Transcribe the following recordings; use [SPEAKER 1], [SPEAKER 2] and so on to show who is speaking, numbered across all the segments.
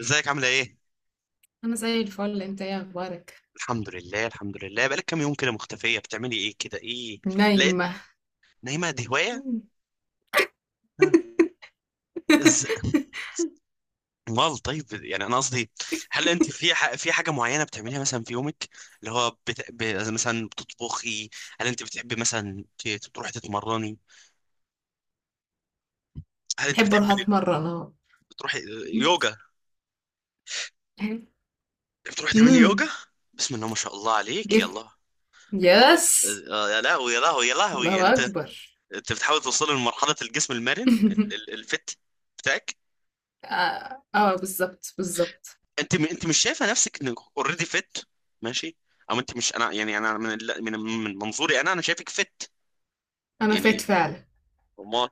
[SPEAKER 1] ازيك عاملة ايه؟
[SPEAKER 2] انا زي الفل. انت ايه اخبارك؟
[SPEAKER 1] الحمد لله. بقالك كام يوم كده مختفية بتعملي ايه كده ايه؟ لقيت
[SPEAKER 2] نايمه.
[SPEAKER 1] نايمة دي هواية؟ ها؟ از... امال طيب يعني انا قصدي، هل انت في في حاجة معينة بتعمليها مثلا في يومك اللي هو مثلا بتطبخي؟ هل انت بتحبي مثلا تروحي تتمرني؟ هل انت
[SPEAKER 2] احب اروح
[SPEAKER 1] بتحبي
[SPEAKER 2] اتمرن اهو.
[SPEAKER 1] تروحي يوجا؟ بتروحي تعملي يوجا؟
[SPEAKER 2] امم.
[SPEAKER 1] بسم الله ما شاء الله عليك،
[SPEAKER 2] جيف.
[SPEAKER 1] يلا.
[SPEAKER 2] يس.
[SPEAKER 1] يا لهوي يا لهوي يا لهوي، يعني
[SPEAKER 2] الله
[SPEAKER 1] انت
[SPEAKER 2] اكبر.
[SPEAKER 1] انت بتحاول توصل لمرحلة الجسم المرن الفت بتاعك؟
[SPEAKER 2] اه، آه، بالظبط بالظبط.
[SPEAKER 1] انت مش شايفه نفسك انك اوريدي فت؟ ماشي، او انت مش، انا يعني انا من منظوري انا شايفك فت
[SPEAKER 2] انا فات
[SPEAKER 1] يعني.
[SPEAKER 2] فعلا،
[SPEAKER 1] امال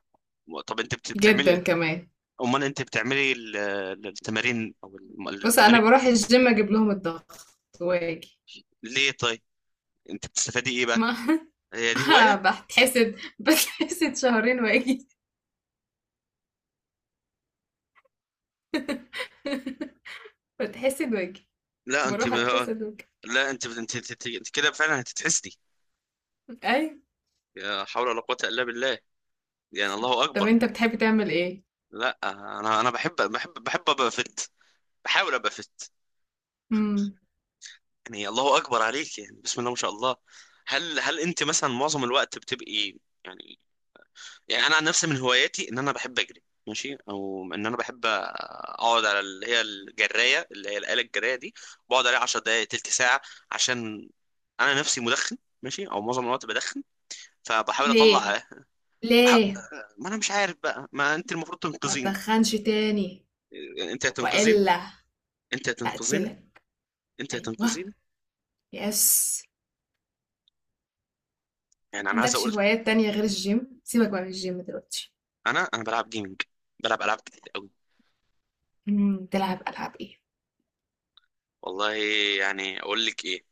[SPEAKER 1] طب انت بتعملي إيه؟
[SPEAKER 2] جدا كمان.
[SPEAKER 1] امال انت بتعملي التمارين او
[SPEAKER 2] بص، انا
[SPEAKER 1] التمارين
[SPEAKER 2] بروح الجيم اجيب لهم الضغط واجي.
[SPEAKER 1] ليه طيب؟ انت بتستفادي ايه بقى؟
[SPEAKER 2] ما.
[SPEAKER 1] هي دي هوايه؟
[SPEAKER 2] بتحسد بتحسد، شهرين واجي. بتحسد واجي.
[SPEAKER 1] لا انت
[SPEAKER 2] بروح
[SPEAKER 1] ب...
[SPEAKER 2] اتحسد واجي.
[SPEAKER 1] لا انت كده فعلا هتتحسدي.
[SPEAKER 2] اي.
[SPEAKER 1] يا حول ولا قوه الا بالله، يعني الله
[SPEAKER 2] طب
[SPEAKER 1] اكبر.
[SPEAKER 2] انت بتحب تعمل
[SPEAKER 1] لا انا، انا بحب ابقى فت، بحاول ابقى فت.
[SPEAKER 2] ايه؟
[SPEAKER 1] يعني الله اكبر عليك، يعني بسم الله ما شاء الله. هل انت مثلا معظم الوقت بتبقي، يعني، يعني انا عن نفسي من هواياتي ان انا بحب اجري، ماشي، او ان انا بحب اقعد على اللي هي الجرايه، اللي هي الاله الجرايه دي، بقعد عليها 10 دقائق، تلت ساعه، عشان انا نفسي مدخن، ماشي، او معظم الوقت بدخن، فبحاول
[SPEAKER 2] ليه؟
[SPEAKER 1] اطلع. بح...
[SPEAKER 2] ليه؟
[SPEAKER 1] ما انا مش عارف بقى، ما انت المفروض
[SPEAKER 2] ما
[SPEAKER 1] تنقذيني.
[SPEAKER 2] تدخنش تاني.
[SPEAKER 1] انت هتنقذيني
[SPEAKER 2] والا
[SPEAKER 1] انت هتنقذيني
[SPEAKER 2] هقتلك.
[SPEAKER 1] انت
[SPEAKER 2] ايوه.
[SPEAKER 1] هتنقذيني.
[SPEAKER 2] يس.
[SPEAKER 1] يعني
[SPEAKER 2] ما
[SPEAKER 1] انا عايز
[SPEAKER 2] عندكش
[SPEAKER 1] اقول،
[SPEAKER 2] هوايات تانية غير الجيم، سيبك بقى من الجيم دلوقتي.
[SPEAKER 1] انا بلعب جيمنج، بلعب العاب كتير.
[SPEAKER 2] تلعب العاب ايه؟
[SPEAKER 1] والله، يعني اقول لك ايه،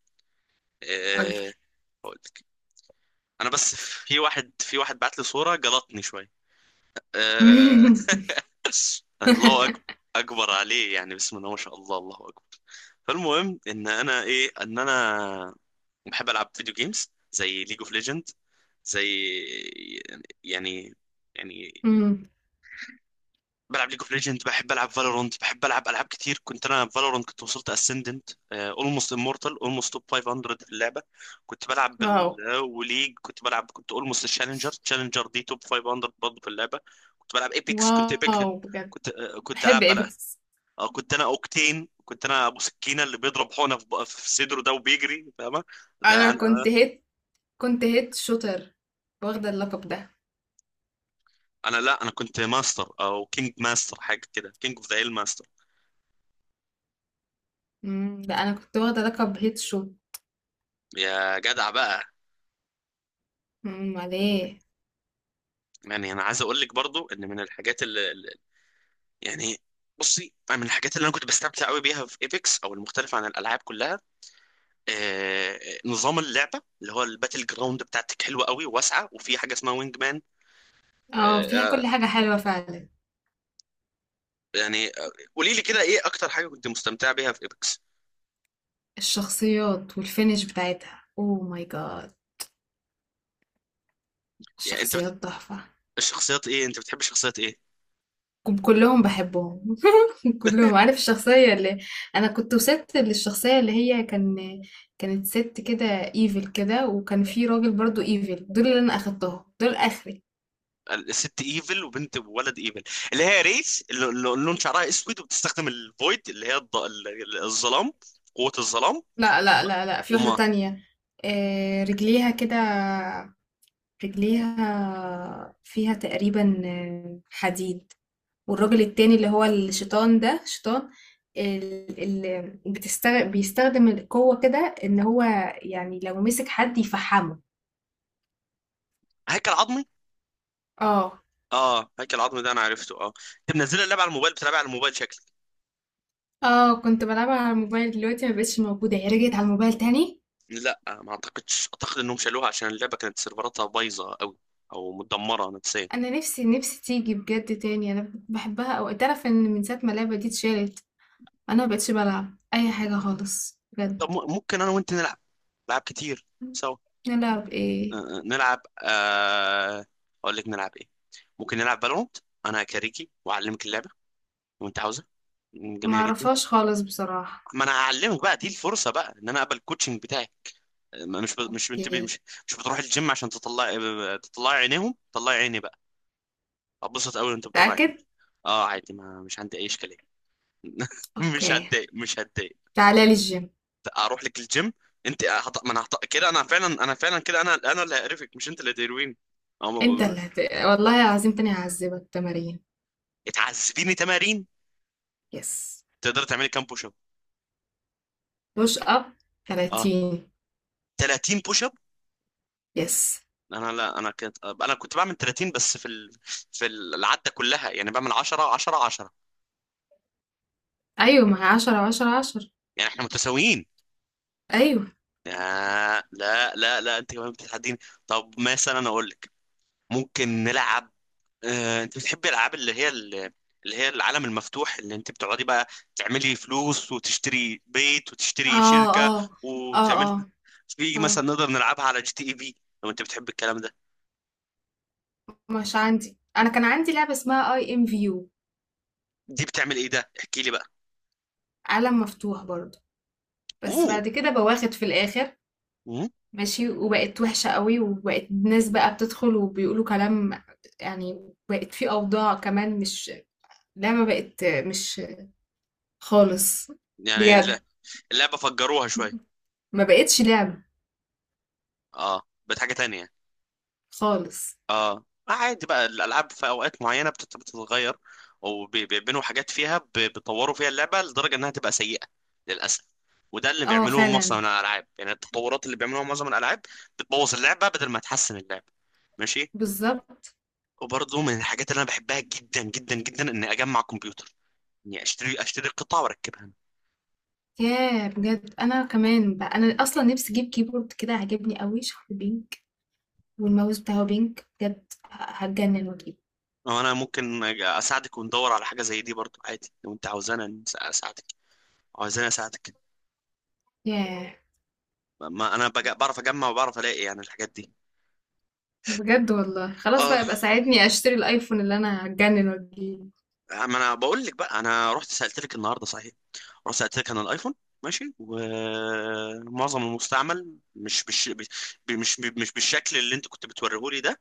[SPEAKER 1] أه،
[SPEAKER 2] قولي.
[SPEAKER 1] اقول لك، انا بس، في واحد بعت لي صورة جلطني شوية، أه. الله أكبر، اكبر عليه، يعني بسم الله ما شاء الله، الله اكبر. فالمهم ان انا ايه، ان انا بحب العب فيديو جيمز زي ليج اوف ليجند، زي، يعني، يعني
[SPEAKER 2] مم،
[SPEAKER 1] بلعب ليج اوف ليجند، بحب العب فالورانت، بحب العب العاب كتير. كنت انا في فالورانت كنت وصلت اسندنت، اولموست امورتال، اولموست توب 500 في اللعبه. كنت بلعب بال...
[SPEAKER 2] واو.
[SPEAKER 1] آه، وليج كنت بلعب، كنت اولموست تشالنجر، تشالنجر دي توب 500 برضه في اللعبه. كنت بلعب ايبكس،
[SPEAKER 2] واو بجد.
[SPEAKER 1] كنت
[SPEAKER 2] بحب
[SPEAKER 1] العب بلع...
[SPEAKER 2] ايبكس.
[SPEAKER 1] آه، كنت انا اوكتين، كنت انا ابو سكينه اللي بيضرب حقنه في في صدره ده وبيجري، فاهمه؟ ده
[SPEAKER 2] انا
[SPEAKER 1] انا.
[SPEAKER 2] كنت هيت. كنت هيت شوتر، واخدة اللقب ده.
[SPEAKER 1] انا لا، انا كنت ماستر، او كينج ماستر، حاجه كده، كينج اوف ذا هيل ماستر.
[SPEAKER 2] ده انا كنت واخدة لقب هيت شوت.
[SPEAKER 1] يا جدع بقى.
[SPEAKER 2] مم، عليه.
[SPEAKER 1] يعني انا عايز اقول لك برضو ان من الحاجات يعني، بصي، من الحاجات اللي انا كنت بستمتع قوي بيها في ايبكس، او المختلفه عن الالعاب كلها، آه، نظام اللعبه اللي هو الباتل جراوند بتاعتك حلوه قوي وواسعه، وفي حاجه اسمها وينج مان.
[SPEAKER 2] اه، فيها كل
[SPEAKER 1] آه،
[SPEAKER 2] حاجة حلوة فعلا.
[SPEAKER 1] يعني آه، قولي لي كده، ايه اكتر حاجه كنت مستمتع بيها في ايبكس؟
[SPEAKER 2] الشخصيات والفينش بتاعتها اوه ماي جاد.
[SPEAKER 1] يعني انت
[SPEAKER 2] الشخصيات
[SPEAKER 1] بتحب
[SPEAKER 2] تحفة.
[SPEAKER 1] الشخصيات ايه، انت بتحب شخصيات ايه؟
[SPEAKER 2] كلهم بحبهم. كلهم، عارف الشخصية اللي... انا كنت وصلت للشخصية اللي هي كان، كانت ست كده ايفل كده، وكان في راجل برضو ايفل، دول اللي انا اخدتهم دول اخري.
[SPEAKER 1] الست ايفل وبنت وولد ايفل، اللي هي ريس، اللي لون شعرها اسود وبتستخدم الفويد اللي هي الظلام، قوة الظلام.
[SPEAKER 2] لا، لا، لا، لا، في واحدة
[SPEAKER 1] وما،
[SPEAKER 2] تانية. رجليها كده، رجليها فيها تقريبا حديد. والراجل التاني اللي هو الشيطان، ده شيطان اللي بيستخدم القوة كده ان هو، يعني لو مسك حد يفحمه.
[SPEAKER 1] هيكل عظمي.
[SPEAKER 2] اه،
[SPEAKER 1] اه، هيكل عظمي، ده انا عرفته، اه. انت منزل اللعبه على الموبايل، بتلعبها على الموبايل شكلك.
[SPEAKER 2] اه، كنت بلعبها على الموبايل. دلوقتي ما بقتش موجودة، هي رجعت على الموبايل تاني.
[SPEAKER 1] لا، ما اعتقدش، اعتقد انهم شالوها عشان اللعبه كانت سيرفراتها بايظه قوي، او متدمره نفسيا.
[SPEAKER 2] انا نفسي نفسي تيجي بجد تاني، انا بحبها. او تعرف ان من ساعة ما اللعبة دي اتشالت، انا ما بقتش بلعب اي حاجة خالص
[SPEAKER 1] طب
[SPEAKER 2] بجد.
[SPEAKER 1] ممكن انا وانت نلعب، نلعب كتير سوا.
[SPEAKER 2] نلعب
[SPEAKER 1] آه،
[SPEAKER 2] ايه؟
[SPEAKER 1] آه، نلعب آه... اقول لك نلعب ايه، ممكن نلعب فالورانت، انا كاريكي واعلمك اللعبه وانت عاوزها. م،
[SPEAKER 2] ما
[SPEAKER 1] جميله جدا.
[SPEAKER 2] اعرفهاش خالص بصراحة.
[SPEAKER 1] ما انا هعلمك بقى، دي الفرصه بقى ان انا اقبل الكوتشنج بتاعك. آه، ما- مش ب... مش انت ب...
[SPEAKER 2] اوكي.
[SPEAKER 1] مش مش بتروح الجيم عشان تطلع، تطلعي عينيهم؟ طلعي عيني بقى، اتبسط قوي وانت بتطلع عيني.
[SPEAKER 2] متأكد؟
[SPEAKER 1] اه، عادي، ما مش عندي اي اشكاليه. مش
[SPEAKER 2] اوكي.
[SPEAKER 1] هتضايق، مش هتضايق.
[SPEAKER 2] تعالى لي الجيم.
[SPEAKER 1] اروح لك الجيم. انت هط... ما انا هط... كده انا فعلا، انا فعلا كده، انا اللي هقرفك، مش انت اللي هتقرفيني. اه ما
[SPEAKER 2] انت اللي هت... والله العظيم تاني هعذبك تمارين.
[SPEAKER 1] اتعذبيني تمارين؟
[SPEAKER 2] يس.
[SPEAKER 1] تقدر تعملي كام بوش اب؟
[SPEAKER 2] بوش اب،
[SPEAKER 1] اه،
[SPEAKER 2] 30.
[SPEAKER 1] 30 بوش اب.
[SPEAKER 2] يس.
[SPEAKER 1] انا لا، انا كنت بعمل 30، بس في في العده كلها، يعني بعمل 10 10 10.
[SPEAKER 2] ايوه، ما هي 10 10 10.
[SPEAKER 1] يعني احنا متساويين.
[SPEAKER 2] ايوه.
[SPEAKER 1] آه، لا، انت كمان بتتحديني. طب مثلا اقول لك، ممكن نلعب، آه، انت بتحبي الالعاب اللي هي اللي هي العالم المفتوح، اللي انت بتقعدي بقى تعملي فلوس، وتشتري بيت، وتشتري
[SPEAKER 2] اه،
[SPEAKER 1] شركة،
[SPEAKER 2] اه، اه،
[SPEAKER 1] وتعملي،
[SPEAKER 2] اه،
[SPEAKER 1] في مثلا
[SPEAKER 2] اه.
[SPEAKER 1] نقدر نلعبها على جي تي اي في، لو انت بتحب الكلام ده.
[SPEAKER 2] مش عندي، انا كان عندي لعبه اسمها اي ام فيو.
[SPEAKER 1] دي بتعمل ايه ده، احكي لي بقى.
[SPEAKER 2] عالم مفتوح برضو، بس
[SPEAKER 1] اوه،
[SPEAKER 2] بعد كده بواخد في الاخر.
[SPEAKER 1] مم.
[SPEAKER 2] ماشي، وبقت وحشه قوي، وبقت ناس بقى بتدخل وبيقولوا كلام. يعني بقت في اوضاع كمان، مش لعبه، بقت مش خالص
[SPEAKER 1] يعني
[SPEAKER 2] بجد.
[SPEAKER 1] اللعبة فجروها شوية.
[SPEAKER 2] ما بقتش لعبه
[SPEAKER 1] اه، بقت حاجة تانية.
[SPEAKER 2] خالص.
[SPEAKER 1] اه آه، عادي بقى، الالعاب في اوقات معينه بتتغير، وبيعملوا حاجات فيها، بيطوروا فيها اللعبه لدرجه انها تبقى سيئه للاسف. وده اللي
[SPEAKER 2] اه،
[SPEAKER 1] بيعملوه معظم
[SPEAKER 2] فعلا.
[SPEAKER 1] الالعاب، يعني التطورات اللي بيعملوها معظم الالعاب، بتبوظ اللعبه بدل ما تحسن اللعبه، ماشي.
[SPEAKER 2] بالظبط.
[SPEAKER 1] وبرضه من الحاجات اللي انا بحبها جدا جدا جدا، اني اجمع كمبيوتر، اني اشتري قطع واركبها انا.
[SPEAKER 2] ياه بجد، انا كمان بقى، انا اصلا نفسي اجيب كيبورد كده عاجبني قوي شكله بينك. والماوس بتاعه بينك بجد، هتجنن واجيبه.
[SPEAKER 1] أو أنا ممكن اساعدك، وندور على حاجه زي دي برضه عادي، لو انت عاوزانا اساعدك، عاوزاني اساعدك،
[SPEAKER 2] ياه
[SPEAKER 1] ما انا بعرف اجمع وبعرف الاقي يعني الحاجات دي.
[SPEAKER 2] بجد، والله خلاص
[SPEAKER 1] اه
[SPEAKER 2] بقى، يبقى ساعدني اشتري الايفون اللي انا هتجنن واجيبه.
[SPEAKER 1] آه، ما انا بقول لك بقى، انا رحت سالت لك النهارده صحيح، رحت سالت لك عن الايفون، ماشي، ومعظم المستعمل مش مش مش بالشكل اللي انت كنت بتوريه لي ده،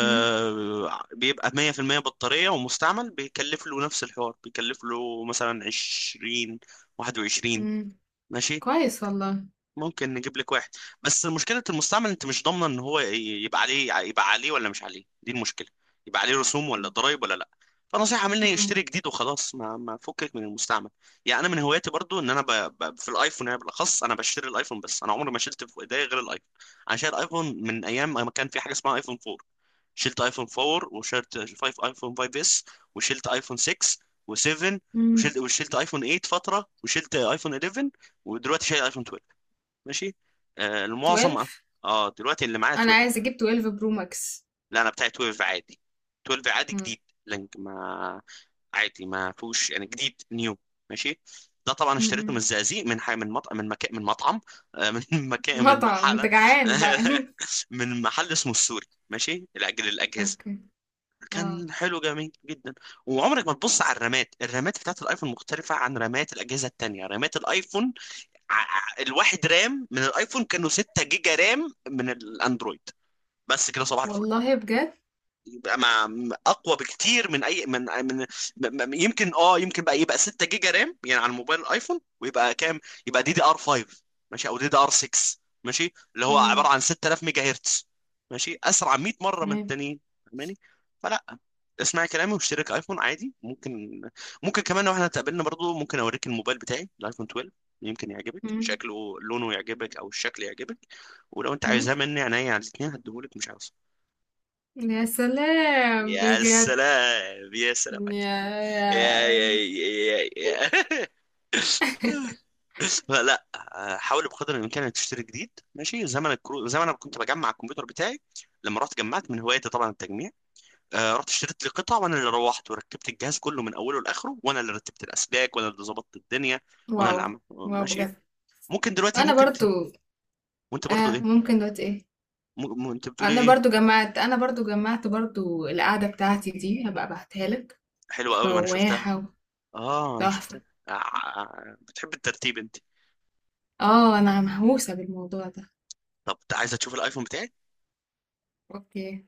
[SPEAKER 2] مم،
[SPEAKER 1] 100% بطاريه ومستعمل، بيكلف له نفس الحوار، بيكلف له مثلا 20، 21،
[SPEAKER 2] مم،
[SPEAKER 1] ماشي.
[SPEAKER 2] كويس والله.
[SPEAKER 1] ممكن نجيب لك واحد، بس مشكلة المستعمل، انت مش ضامنة ان هو يبقى عليه، يبقى عليه ولا مش عليه، دي المشكلة، يبقى عليه رسوم ولا ضرائب ولا لا. فنصيحة مني
[SPEAKER 2] مم،
[SPEAKER 1] يشتري جديد وخلاص، ما فكك من المستعمل. يعني انا من هواياتي برضو ان انا في الايفون، يعني بالاخص انا بشتري الايفون بس، انا عمري ما شلت في ايديا غير الايفون. انا شايل ايفون من ايام ما كان في حاجة اسمها ايفون 4، شلت ايفون 4، وشلت 5، ايفون 5 اس، وشلت ايفون 6، و7،
[SPEAKER 2] مم،
[SPEAKER 1] وشلت ايفون 8 فترة، وشلت ايفون 11، ودلوقتي شايل ايفون اتناشر. ماشي. آه المعظم.
[SPEAKER 2] 12.
[SPEAKER 1] اه دلوقتي اللي معايا
[SPEAKER 2] انا
[SPEAKER 1] 12.
[SPEAKER 2] عايز اجيب 12 برو ماكس.
[SPEAKER 1] لا انا بتاعي 12 عادي، 12 عادي
[SPEAKER 2] مم،
[SPEAKER 1] جديد. لينك ما، عادي، ما فيهوش يعني، جديد نيو. ماشي. ده طبعا
[SPEAKER 2] مم،
[SPEAKER 1] اشتريته من
[SPEAKER 2] مم.
[SPEAKER 1] الزقازيق، من حي من مطعم من مكان من مطعم آه، من مكان، من
[SPEAKER 2] مطعم؟ انت
[SPEAKER 1] محل
[SPEAKER 2] جعان بقى؟
[SPEAKER 1] من محل اسمه السوري، ماشي لاجل الاجهزه،
[SPEAKER 2] اوكي. اه،
[SPEAKER 1] كان حلو جميل جدا. وعمرك ما تبص على الرامات، الرامات بتاعت الايفون مختلفه عن رامات الاجهزه التانيه، رامات الايفون، الواحد رام من الايفون كانوا 6 جيجا رام من الاندرويد، بس كده صباح الفل.
[SPEAKER 2] والله بجد.
[SPEAKER 1] يبقى مع اقوى بكتير من اي يمكن اه، يمكن بقى، يبقى 6 جيجا رام يعني على الموبايل الايفون، ويبقى كام، يبقى دي دي ار 5 ماشي، او دي دي ار 6 ماشي، اللي هو عباره
[SPEAKER 2] مم،
[SPEAKER 1] عن 6000 ميجا هرتز، ماشي، اسرع 100 مره من
[SPEAKER 2] تمام.
[SPEAKER 1] التانيين، فاهماني؟ فلا، اسمعي كلامي واشترك ايفون عادي، ممكن. ممكن كمان لو احنا اتقابلنا برضو ممكن اوريك الموبايل بتاعي الايفون 12، يمكن يعجبك
[SPEAKER 2] إمم،
[SPEAKER 1] شكله، لونه يعجبك، او الشكل يعجبك، ولو انت
[SPEAKER 2] إمم،
[SPEAKER 1] عايزاه مني، عينيا على الاثنين، هديهولك، مش عاوز.
[SPEAKER 2] يا سلام
[SPEAKER 1] يا
[SPEAKER 2] بجد!
[SPEAKER 1] سلام يا سلام اكيد. يا
[SPEAKER 2] يا
[SPEAKER 1] يا يا يا
[SPEAKER 2] يا.
[SPEAKER 1] لا. حاول بقدر الامكان انك تشتري جديد، ماشي. زمن ما انا كنت بجمع الكمبيوتر بتاعي، لما رحت جمعت من هوايتي طبعا التجميع، آه، رحت اشتريت لي قطع، وانا اللي روحت وركبت الجهاز كله من اوله لاخره، وانا اللي رتبت الاسلاك، وانا اللي ظبطت الدنيا، وانا
[SPEAKER 2] واو!
[SPEAKER 1] اللي عملت،
[SPEAKER 2] واو
[SPEAKER 1] ماشي.
[SPEAKER 2] بجد.
[SPEAKER 1] ممكن دلوقتي
[SPEAKER 2] أنا
[SPEAKER 1] ممكن ت...
[SPEAKER 2] برضه...
[SPEAKER 1] وانت برضو ايه؟
[SPEAKER 2] ممكن دلوقتي إيه،
[SPEAKER 1] م... انت بتقولي
[SPEAKER 2] أنا
[SPEAKER 1] ايه؟
[SPEAKER 2] برضه جمّعت أنا برضه جمّعت برضه القعدة بتاعتي دي، هابقى أبعتها لك.
[SPEAKER 1] حلوه قوي، ما انا شفتها.
[SPEAKER 2] فواحة
[SPEAKER 1] اه انا شفتها.
[SPEAKER 2] وتحفة.
[SPEAKER 1] آه، آه، آه، بتحب الترتيب انت.
[SPEAKER 2] أنا مهووسة بالموضوع ده.
[SPEAKER 1] طب عايزه تشوف الايفون بتاعي؟
[SPEAKER 2] أوكي.